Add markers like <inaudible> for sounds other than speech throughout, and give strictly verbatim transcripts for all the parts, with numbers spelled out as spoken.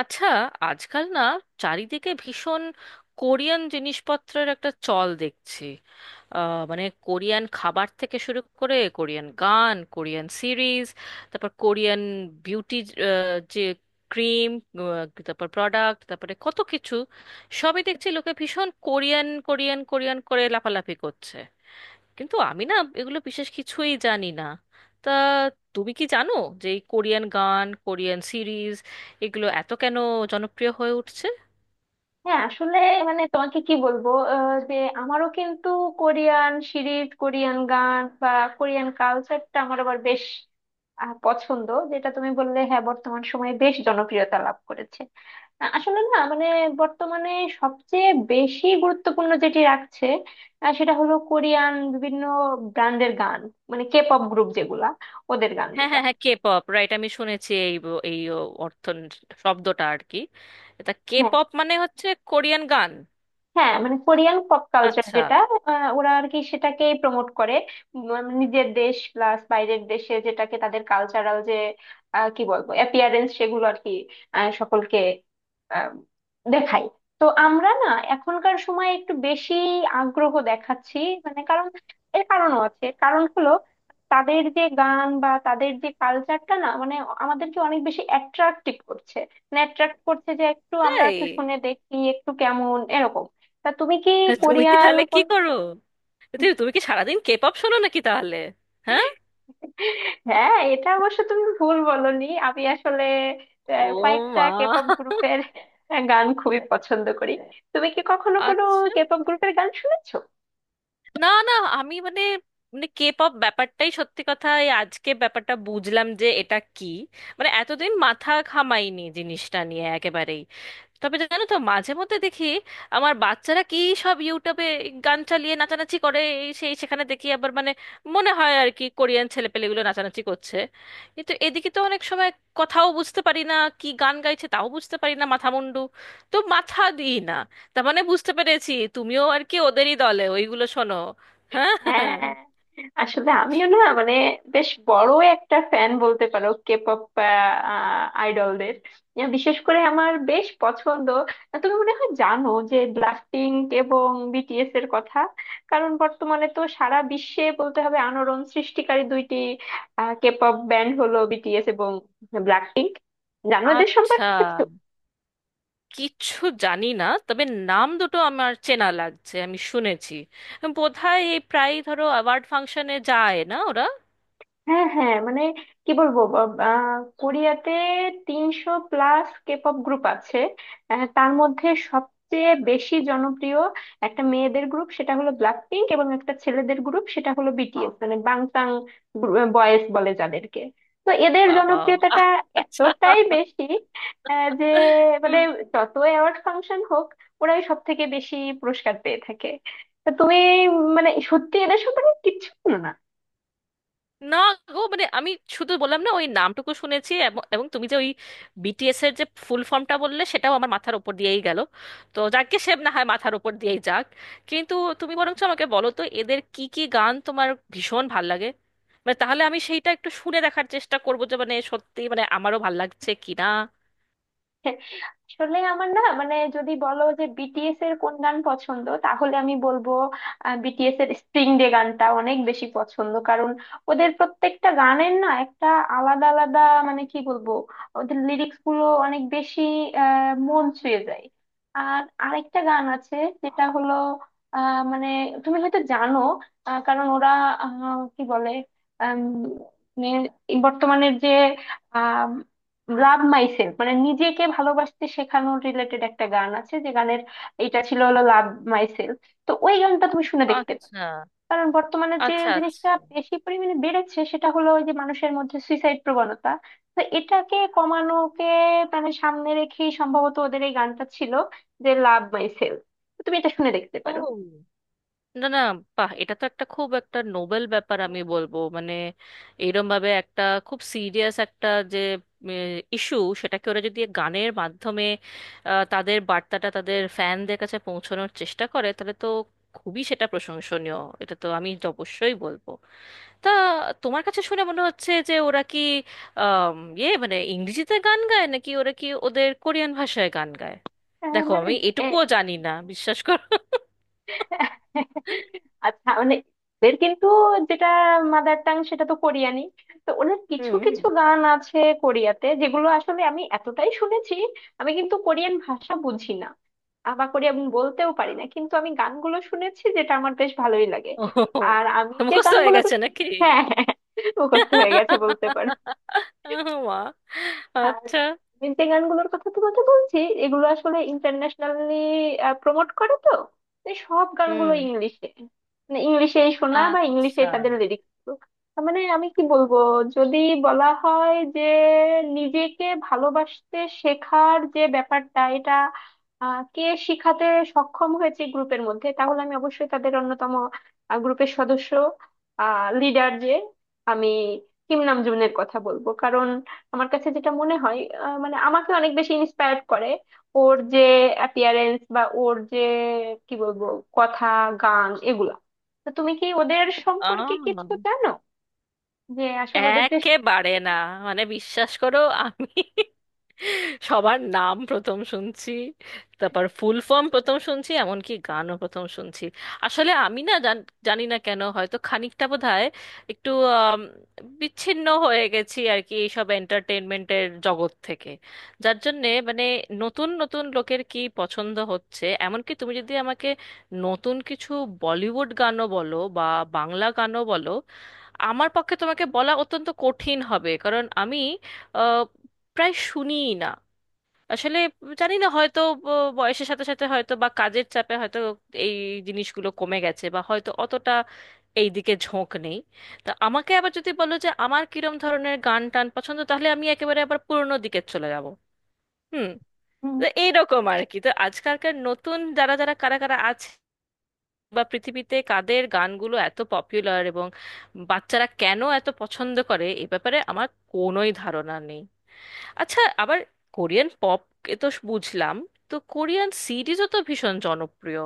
আচ্ছা, আজকাল না চারিদিকে ভীষণ কোরিয়ান জিনিসপত্রের একটা চল দেখছি। আহ, মানে কোরিয়ান খাবার থেকে শুরু করে কোরিয়ান গান, কোরিয়ান সিরিজ, তারপর কোরিয়ান বিউটি, যে ক্রিম, তারপর প্রোডাক্ট, তারপরে কত কিছু, সবই দেখছি। লোকে ভীষণ কোরিয়ান কোরিয়ান কোরিয়ান করে লাফালাফি করছে, কিন্তু আমি না এগুলো বিশেষ কিছুই জানি না। তা তুমি কি জানো যে এই কোরিয়ান গান, কোরিয়ান সিরিজ, এগুলো এত কেন জনপ্রিয় হয়ে উঠছে? হ্যাঁ, আসলে মানে তোমাকে কি বলবো, আহ, যে আমারও কিন্তু কোরিয়ান সিরিজ, কোরিয়ান গান বা কোরিয়ান কালচারটা আমার আবার বেশ আহ, পছন্দ। যেটা তুমি বললে, হ্যাঁ, বর্তমান সময়ে বেশ জনপ্রিয়তা লাভ করেছে। আ- আসলে না, মানে বর্তমানে সবচেয়ে বেশি গুরুত্বপূর্ণ যেটি রাখছে, আহ, সেটা হলো কোরিয়ান বিভিন্ন ব্র্যান্ডের গান, মানে কে পপ গ্রুপ, যেগুলা ওদের হ্যাঁ গানগুলা। হ্যাঁ হ্যাঁ, কে পপ, রাইট? আমি শুনেছি এই ব- এই ও, অর্থ শব্দটা আর কি। এটা কে হ্যাঁ, পপ মানে হচ্ছে কোরিয়ান গান। হ্যাঁ, মানে কোরিয়ান পপ কালচার, আচ্ছা। যেটা আহ, ওরা আর কি সেটাকে প্রমোট করে। উম, মানে নিজের দেশ প্লাস বাইরের দেশে যেটাকে তাদের কালচারাল যে আহ, কি বলবো, অ্যাপিয়ারেন্স সেগুলো আর কি আহ, সকলকে আহ, দেখায়। তো আমরা না এখনকার সময় একটু বেশি আগ্রহ দেখাচ্ছি, মানে কারণ এর কারণও আছে, কারণ হলো তাদের যে গান বা তাদের যে কালচারটা না, মানে আমাদেরকে অনেক বেশি অ্যাট্রাক্টিভ করছে, মানে attract করছে, যে একটু আমরা তাই? একটু শুনে দেখি একটু কেমন, এরকম। তা তুমি কি তুমি কি কোরিয়ান তাহলে কি কোন? করো? তুমি তুমি কি সারাদিন কে পপ শোনো নাকি তাহলে? হ্যাঁ। হ্যাঁ, এটা অবশ্য তুমি ভুল বলনি। আমি আসলে আহ, ও কয়েকটা মা। কেপপ গ্রুপের গান খুবই পছন্দ করি। তুমি কি কখনো কোনো আচ্ছা। কেপপ গ্রুপের গান শুনেছো? না না, আমি মানে, মানে কে পপ ব্যাপারটাই, সত্যি কথা, এই আজকে ব্যাপারটা বুঝলাম যে এটা কি। মানে এতদিন মাথা ঘামাইনি জিনিসটা নিয়ে একেবারেই। তবে জানো তো মাঝে মধ্যে দেখি আমার বাচ্চারা কি সব ইউটিউবে গান চালিয়ে নাচানাচি করে এই সেই, সেখানে দেখি আবার মানে মনে হয় আর কি কোরিয়ান ছেলেপেলেগুলো নাচানাচি করছে। কিন্তু এদিকে তো অনেক সময় কথাও বুঝতে পারি না, কি গান গাইছে তাও বুঝতে পারি না, মাথা মুন্ডু তো মাথা দিই না। তার মানে বুঝতে পেরেছি তুমিও আর কি ওদেরই দলে, ওইগুলো শোনো। হ্যাঁ, হ্যাঁ। আসলে আমিও না, মানে বেশ বড় একটা ফ্যান বলতে পারো কে পপ আইডলদের। আহ, বিশেষ করে আমার বেশ পছন্দ। তুমি মনে হয় জানো যে ব্লাস্টিং এবং বিটিএস এর কথা। কারণ বর্তমানে তো সারা বিশ্বে বলতে হবে আলোড়ন সৃষ্টিকারী দুইটি কে পপ ব্যান্ড হলো বিটিএস এবং ব্ল্যাকপিঙ্ক। জানো এদের আচ্ছা, সম্পর্কে? কিচ্ছু জানি না, তবে নাম দুটো আমার চেনা লাগছে, আমি শুনেছি বোধহয় এই প্রায় ধরো অ্যাওয়ার্ড ফাংশনে যায় না ওরা? হ্যাঁ, হ্যাঁ, মানে কি বলবো, ব- আহ, কোরিয়াতে তিনশো প্লাস কেপপ গ্রুপ আছে। আহ, তার মধ্যে সবচেয়ে বেশি জনপ্রিয় একটা মেয়েদের গ্রুপ সেটা হলো ব্ল্যাক পিঙ্ক, এবং একটা ছেলেদের গ্রুপ সেটা হলো বিটিএস, মানে বাংটাং বয়েজ বলে যাদেরকে। তো এদের বাবা। জনপ্রিয়তাটা আচ্ছা। এতটাই বেশি আহ, যে মানে যত অ্যাওয়ার্ড ফাংশন হোক ওরাই সব থেকে বেশি পুরস্কার পেয়ে থাকে। তা তুমি, মানে সত্যি এদের সম্পর্কে কিচ্ছু জানো না? না গো, মানে আমি শুধু বললাম না ওই নামটুকু শুনেছি। এবং এবং তুমি যে ওই বি টি এস এর যে ফুল ফর্মটা বললে সেটাও আমার মাথার উপর দিয়েই গেল। তো যাকে সে না হয় মাথার উপর দিয়েই যাক, কিন্তু তুমি বরঞ্চ আমাকে বলো তো এদের কি কি গান তোমার ভীষণ ভাল লাগে। মানে তাহলে আমি সেইটা একটু শুনে দেখার চেষ্টা করবো যে মানে সত্যি মানে আমারও ভাল লাগছে কিনা। আসলে আমার না, মানে যদি বলো যে বিটিএস এর কোন গান পছন্দ, তাহলে আমি বলবো বিটিএস এর স্প্রিং ডে গানটা অনেক বেশি পছন্দ। কারণ ওদের প্রত্যেকটা গানের না একটা আলাদা আলাদা, মানে কি বলবো, ওদের লিরিক্স গুলো অনেক বেশি আহ মন ছুঁয়ে যায়। আর আরেকটা গান আছে, যেটা হলো আহ মানে তুমি হয়তো জানো, আহ, কারণ ওরা আহ, কি বলে, আম, মানে বর্তমানের যে লাভ মাইসেলফ, মানে নিজেকে ভালোবাসতে শেখানোর রিলেটেড একটা গান আছে, যে গানের এটা ছিল হলো লাভ মাইসেলফ। তো ওই গানটা তুমি শুনে দেখতে পারো, আচ্ছা কারণ বর্তমানে যে আচ্ছা। আচ্ছা। জিনিসটা বেশি পরিমাণে বেড়েছে সেটা হলো ওই যে মানুষের মধ্যে সুইসাইড প্রবণতা। তো এটাকে কমানোকে, মানে সামনে রেখেই সম্ভবত ওদের এই গানটা ছিল যে লাভ মাইসেলফ, তুমি এটা শুনে দেখতে ও পারো। না না, বাহ, এটা তো একটা খুব একটা নোবেল ব্যাপার, আমি বলবো মানে এইরকম ভাবে একটা খুব সিরিয়াস একটা যে ইস্যু, সেটাকে ওরা যদি গানের মাধ্যমে আহ, তাদের বার্তাটা তাদের ফ্যানদের কাছে পৌঁছানোর চেষ্টা করে, তাহলে তো খুবই সেটা প্রশংসনীয়, এটা তো আমি তো অবশ্যই বলবো। তা তোমার কাছে শুনে মনে হচ্ছে যে ওরা কি আম, ইয়ে মানে ইংরেজিতে গান গায় নাকি ওরা কি ওদের কোরিয়ান ভাষায় গান গায়? আহ, দেখো মানে আমি এটুকুও জানি না, বিশ্বাস করো। আচ্ছা, মানে এদের কিন্তু যেটা মাদার টাং সেটা তো কোরিয়ানি। তো ওনার কিছু হুম হুম। কিছু গান আছে কোরিয়াতে যেগুলো আসলে আমি এতটাই শুনেছি, আমি কিন্তু কোরিয়ান ভাষা বুঝি না, আহ, বা কোরিয়ান বলতেও পারি না, কিন্তু আমি গানগুলো শুনেছি যেটা আমার বেশ ভালোই লাগে। ও, আর আমি যে মুখস্থ হয়ে গানগুলো। গেছে নাকি? হ্যাঁ, হ্যাঁ, হ্যাঁ, মুখস্থ হয়ে গেছে বলতে পারো। ও মা। আর আচ্ছা। আমি যে গানগুলোর কথা তোমাকে বলছি, এগুলো আসলে ইন্টারন্যাশনালি প্রমোট করে তো, তাই সব গানগুলো হুম। ইংলিশে, মানে ইংলিশেই শোনা বা ইংলিশে আচ্ছা। তাদের লিরিক্স। মানে আমি কি বলবো, যদি বলা হয় যে নিজেকে ভালোবাসতে শেখার যে ব্যাপারটা, এটা আহ, কে শিখাতে সক্ষম হয়েছে গ্রুপের মধ্যে, তাহলে আমি অবশ্যই তাদের অন্যতম গ্রুপের সদস্য, লিডার যে, আমি কিম নামজুনের কথা বলবো। কারণ আমার কাছে যেটা মনে হয় আহ, মানে আমাকে অনেক বেশি ইন্সপায়ার্ড করে, ওর যে অ্যাপিয়ারেন্স বা ওর যে কি বলবো কথা, গান, এগুলা। তো তুমি কি ওদের আ সম্পর্কে কিছু জানো যে আসলে ওদের যে। একেবারে না, মানে বিশ্বাস করো, আমি সবার নাম প্রথম শুনছি, তারপর ফুল ফর্ম প্রথম শুনছি, এমনকি গানও প্রথম শুনছি। আসলে আমি না জান- জানি না কেন, হয়তো খানিকটা বোধহয় একটু আম, বিচ্ছিন্ন হয়ে গেছি আর কি এইসব এন্টারটেনমেন্টের জগৎ থেকে। যার জন্যে মানে নতুন নতুন লোকের কি পছন্দ হচ্ছে, এমনকি তুমি যদি আমাকে নতুন কিছু বলিউড গানও বলো বা বাংলা গানও বলো, আমার পক্ষে তোমাকে বলা অত্যন্ত কঠিন হবে, কারণ আমি আহ, প্রায় শুনিই না আসলে। জানি না, হয়তো ব- বয়সের সাথে সাথে, হয়তো বা কাজের চাপে, হয়তো এই জিনিসগুলো কমে গেছে, বা হয়তো অতটা এই দিকে ঝোঁক নেই। তা আমাকে আবার যদি বলো যে আমার কিরম ধরনের গান টান পছন্দ, তাহলে আমি একেবারে আবার পুরোনো দিকে চলে যাব। হুম। হুম। তো এইরকম আর কি, তো আজকালকার নতুন যারা যারা, কারা কারা আছে বা পৃথিবীতে কাদের গানগুলো এত পপুলার এবং বাচ্চারা কেন এত পছন্দ করে, এ ব্যাপারে আমার কোনোই ধারণা নেই। আচ্ছা, আবার কোরিয়ান পপ এ তো বুঝলাম, তো কোরিয়ান সিরিজও তো ভীষণ জনপ্রিয়।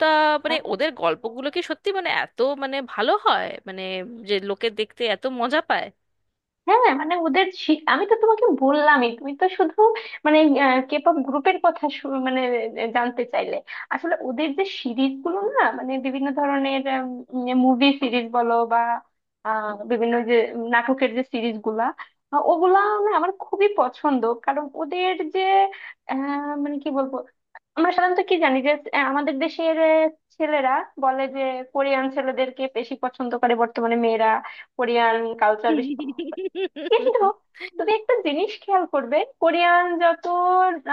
তা মানে হ্যাঁ, ওদের গল্পগুলো কি সত্যি মানে এত মানে ভালো হয় মানে যে লোকে দেখতে এত মজা পায়? হ্যাঁ, হ্যাঁ, মানে ওদের শি- আমি তো তোমাকে বললামই, তুমি তো শুধু মানে কেপপ গ্রুপের কথা শু- মানে আহ, জানতে চাইলে, আসলে ওদের যে সিরিজ গুলো না, মানে বিভিন্ন ধরনের মুভি সিরিজ বলো বা আহ, বিভিন্ন যে নাটকের যে সিরিজ গুলা, আহ, ওগুলা না আমার খুবই পছন্দ। কারণ ওদের যে আহ, মানে কি বলবো, আমরা সাধারণত কি জানি যে আহ, আমাদের দেশের আহ, ছেলেরা বলে যে কোরিয়ান ছেলেদেরকে বেশি পছন্দ করে বর্তমানে মেয়েরা, কোরিয়ান কালচার বেশি পছন্দ করে। কিন্তু <laughs> তুমি একটা জিনিস খেয়াল করবে, কোরিয়ান যত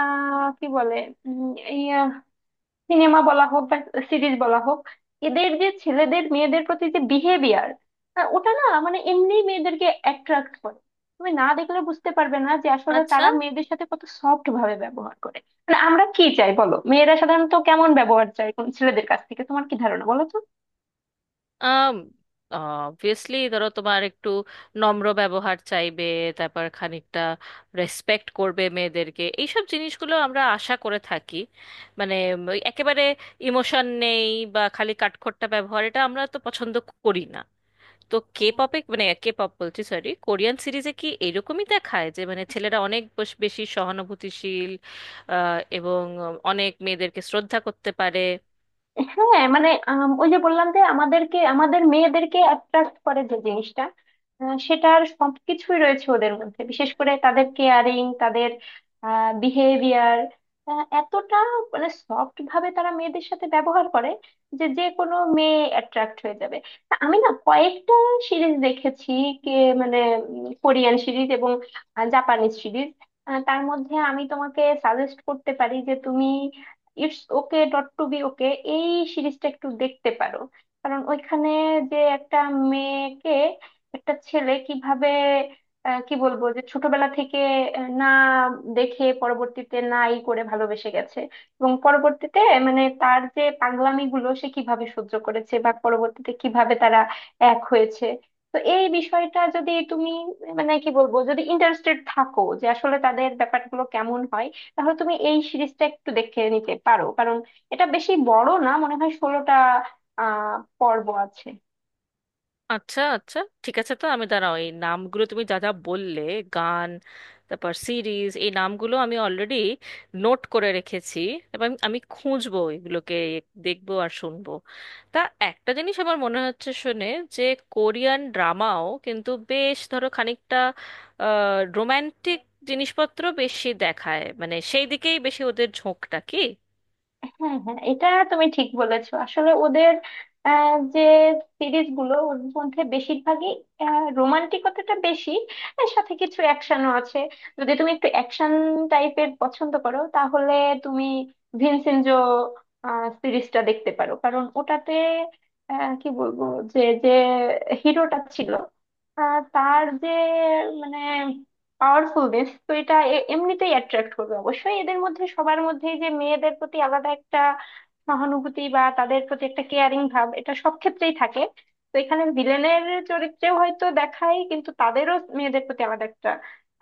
আহ কি বলে, সিনেমা বলা হোক বা সিরিজ বলা হোক, এদের যে ছেলেদের মেয়েদের প্রতি যে বিহেভিয়ার, ওটা না মানে এমনি মেয়েদেরকে অ্যাট্রাক্ট করে। তুমি না দেখলে বুঝতে পারবে না যে আসলে আচ্ছা। তারা মেয়েদের সাথে কত সফট ভাবে ব্যবহার করে। মানে আমরা কি চাই বলো, মেয়েরা সাধারণত কেমন ব্যবহার চায় কোন ছেলেদের কাছ থেকে, তোমার কি ধারণা বলো আম অবভিয়াসলি ধরো তোমার একটু নম্র ব্যবহার চাইবে, তারপর খানিকটা রেসপেক্ট করবে মেয়েদেরকে, এইসব জিনিসগুলো আমরা আশা করে থাকি। মানে উম, ওই একেবারে ইমোশন নেই বা খালি কাঠখোট্টা ব্যবহার, এটা আমরা তো পছন্দ করি না। তো তো? কে পপে মানে কে পপ বলছি, সরি, কোরিয়ান সিরিজে কি এরকমই দেখায় যে মানে ছেলেরা অনেক বস- বেশি সহানুভূতিশীল আহ, এবং অনেক মেয়েদেরকে শ্রদ্ধা করতে পারে? হ্যাঁ, মানে আম, ওই যে বললাম যে আমাদেরকে আমাদের মেয়েদেরকে অ্যাট্রাক্ট করে যে জিনিসটা আহ, সেটার সবকিছুই রয়েছে ওদের মধ্যে। বিশেষ করে তাদের কেয়ারিং, তাদের বিহেভিয়ার এতটা, মানে সফট ভাবে তারা মেয়েদের সাথে ব্যবহার করে যে যে কোনো মেয়ে অ্যাট্রাক্ট হয়ে যাবে। তা আমি না কয়েকটা সিরিজ দেখেছি, কে মানে কোরিয়ান সিরিজ এবং জাপানিজ সিরিজ। তার মধ্যে আমি তোমাকে সাজেস্ট করতে পারি যে তুমি it's okay not to be okay এই সিরিজটা একটু দেখতে পারো। কারণ ওইখানে যে একটা মেয়েকে একটা ছেলে কিভাবে আহ, কি বলবো যে ছোটবেলা থেকে আহ, না দেখে পরবর্তীতে নাই করে ভালোবেসে গেছে, এবং পরবর্তীতে মানে তার যে পাগলামি গুলো সে কিভাবে সহ্য করেছে বা পরবর্তীতে কিভাবে তারা এক হয়েছে। তো এই বিষয়টা যদি তুমি মানে কি বলবো, যদি ইন্টারেস্টেড থাকো যে আসলে তাদের ব্যাপারগুলো কেমন হয়, তাহলে তুমি এই সিরিজটা একটু দেখে নিতে পারো। কারণ এটা বেশি বড় না, মনে হয় ষোলোটা আহ পর্ব আছে। আচ্ছা আচ্ছা, ঠিক আছে, তো আমি দাঁড়াও এই নামগুলো তুমি যা যা বললে গান, তারপর সিরিজ, এই নামগুলো আমি অলরেডি নোট করে রেখেছি এবং আমি খুঁজবো এগুলোকে, দেখবো আর শুনবো। তা একটা জিনিস আমার মনে হচ্ছে শুনে যে কোরিয়ান ড্রামাও কিন্তু বেশ ধরো খানিকটা রোম্যান্টিক জিনিসপত্র বেশি দেখায়, মানে সেই দিকেই বেশি ওদের ঝোঁকটা কি? হ্যাঁ, হ্যাঁ, এটা তুমি ঠিক বলেছো। আসলে ওদের আহ, যে সিরিজ গুলো, ওর মধ্যে বেশিরভাগই রোমান্টিকতাটা বেশি, এর সাথে কিছু অ্যাকশনও আছে। যদি তুমি একটু অ্যাকশন টাইপের পছন্দ করো, তাহলে তুমি ভিনসেনজো সিরিজটা দেখতে পারো। কারণ ওটাতে আহ, কি বলবো যে যে হিরোটা ছিল, আহ, তার যে মানে পাওয়ারফুল দেশ, তো এটা এ- এমনিতেই অ্যাট্রাক্ট করবে অবশ্যই। এদের মধ্যে সবার মধ্যে যে মেয়েদের প্রতি আলাদা একটা সহানুভূতি বা তাদের প্রতি একটা কেয়ারিং ভাব, এটা সব ক্ষেত্রেই থাকে। তো এখানে ভিলেনের চরিত্রেও হয়তো দেখায়, কিন্তু তাদেরও মেয়েদের প্রতি আলাদা একটা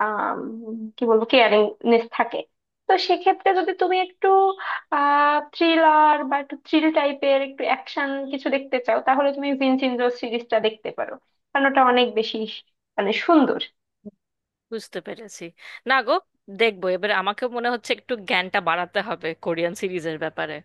আহ কি বলবো কেয়ারিংনেস থাকে। তো সেক্ষেত্রে যদি তুমি একটু আহ থ্রিলার বা একটু থ্রিল টাইপের একটু অ্যাকশন কিছু দেখতে চাও, তাহলে তুমি ভিনচেনজো সিরিজটা দেখতে পারো। কারণ ওটা অনেক বেশি মানে সুন্দর। বুঝতে পেরেছি। না গো, দেখবো, এবার আমাকে মনে হচ্ছে একটু জ্ঞানটা বাড়াতে হবে কোরিয়ান সিরিজের ব্যাপারে।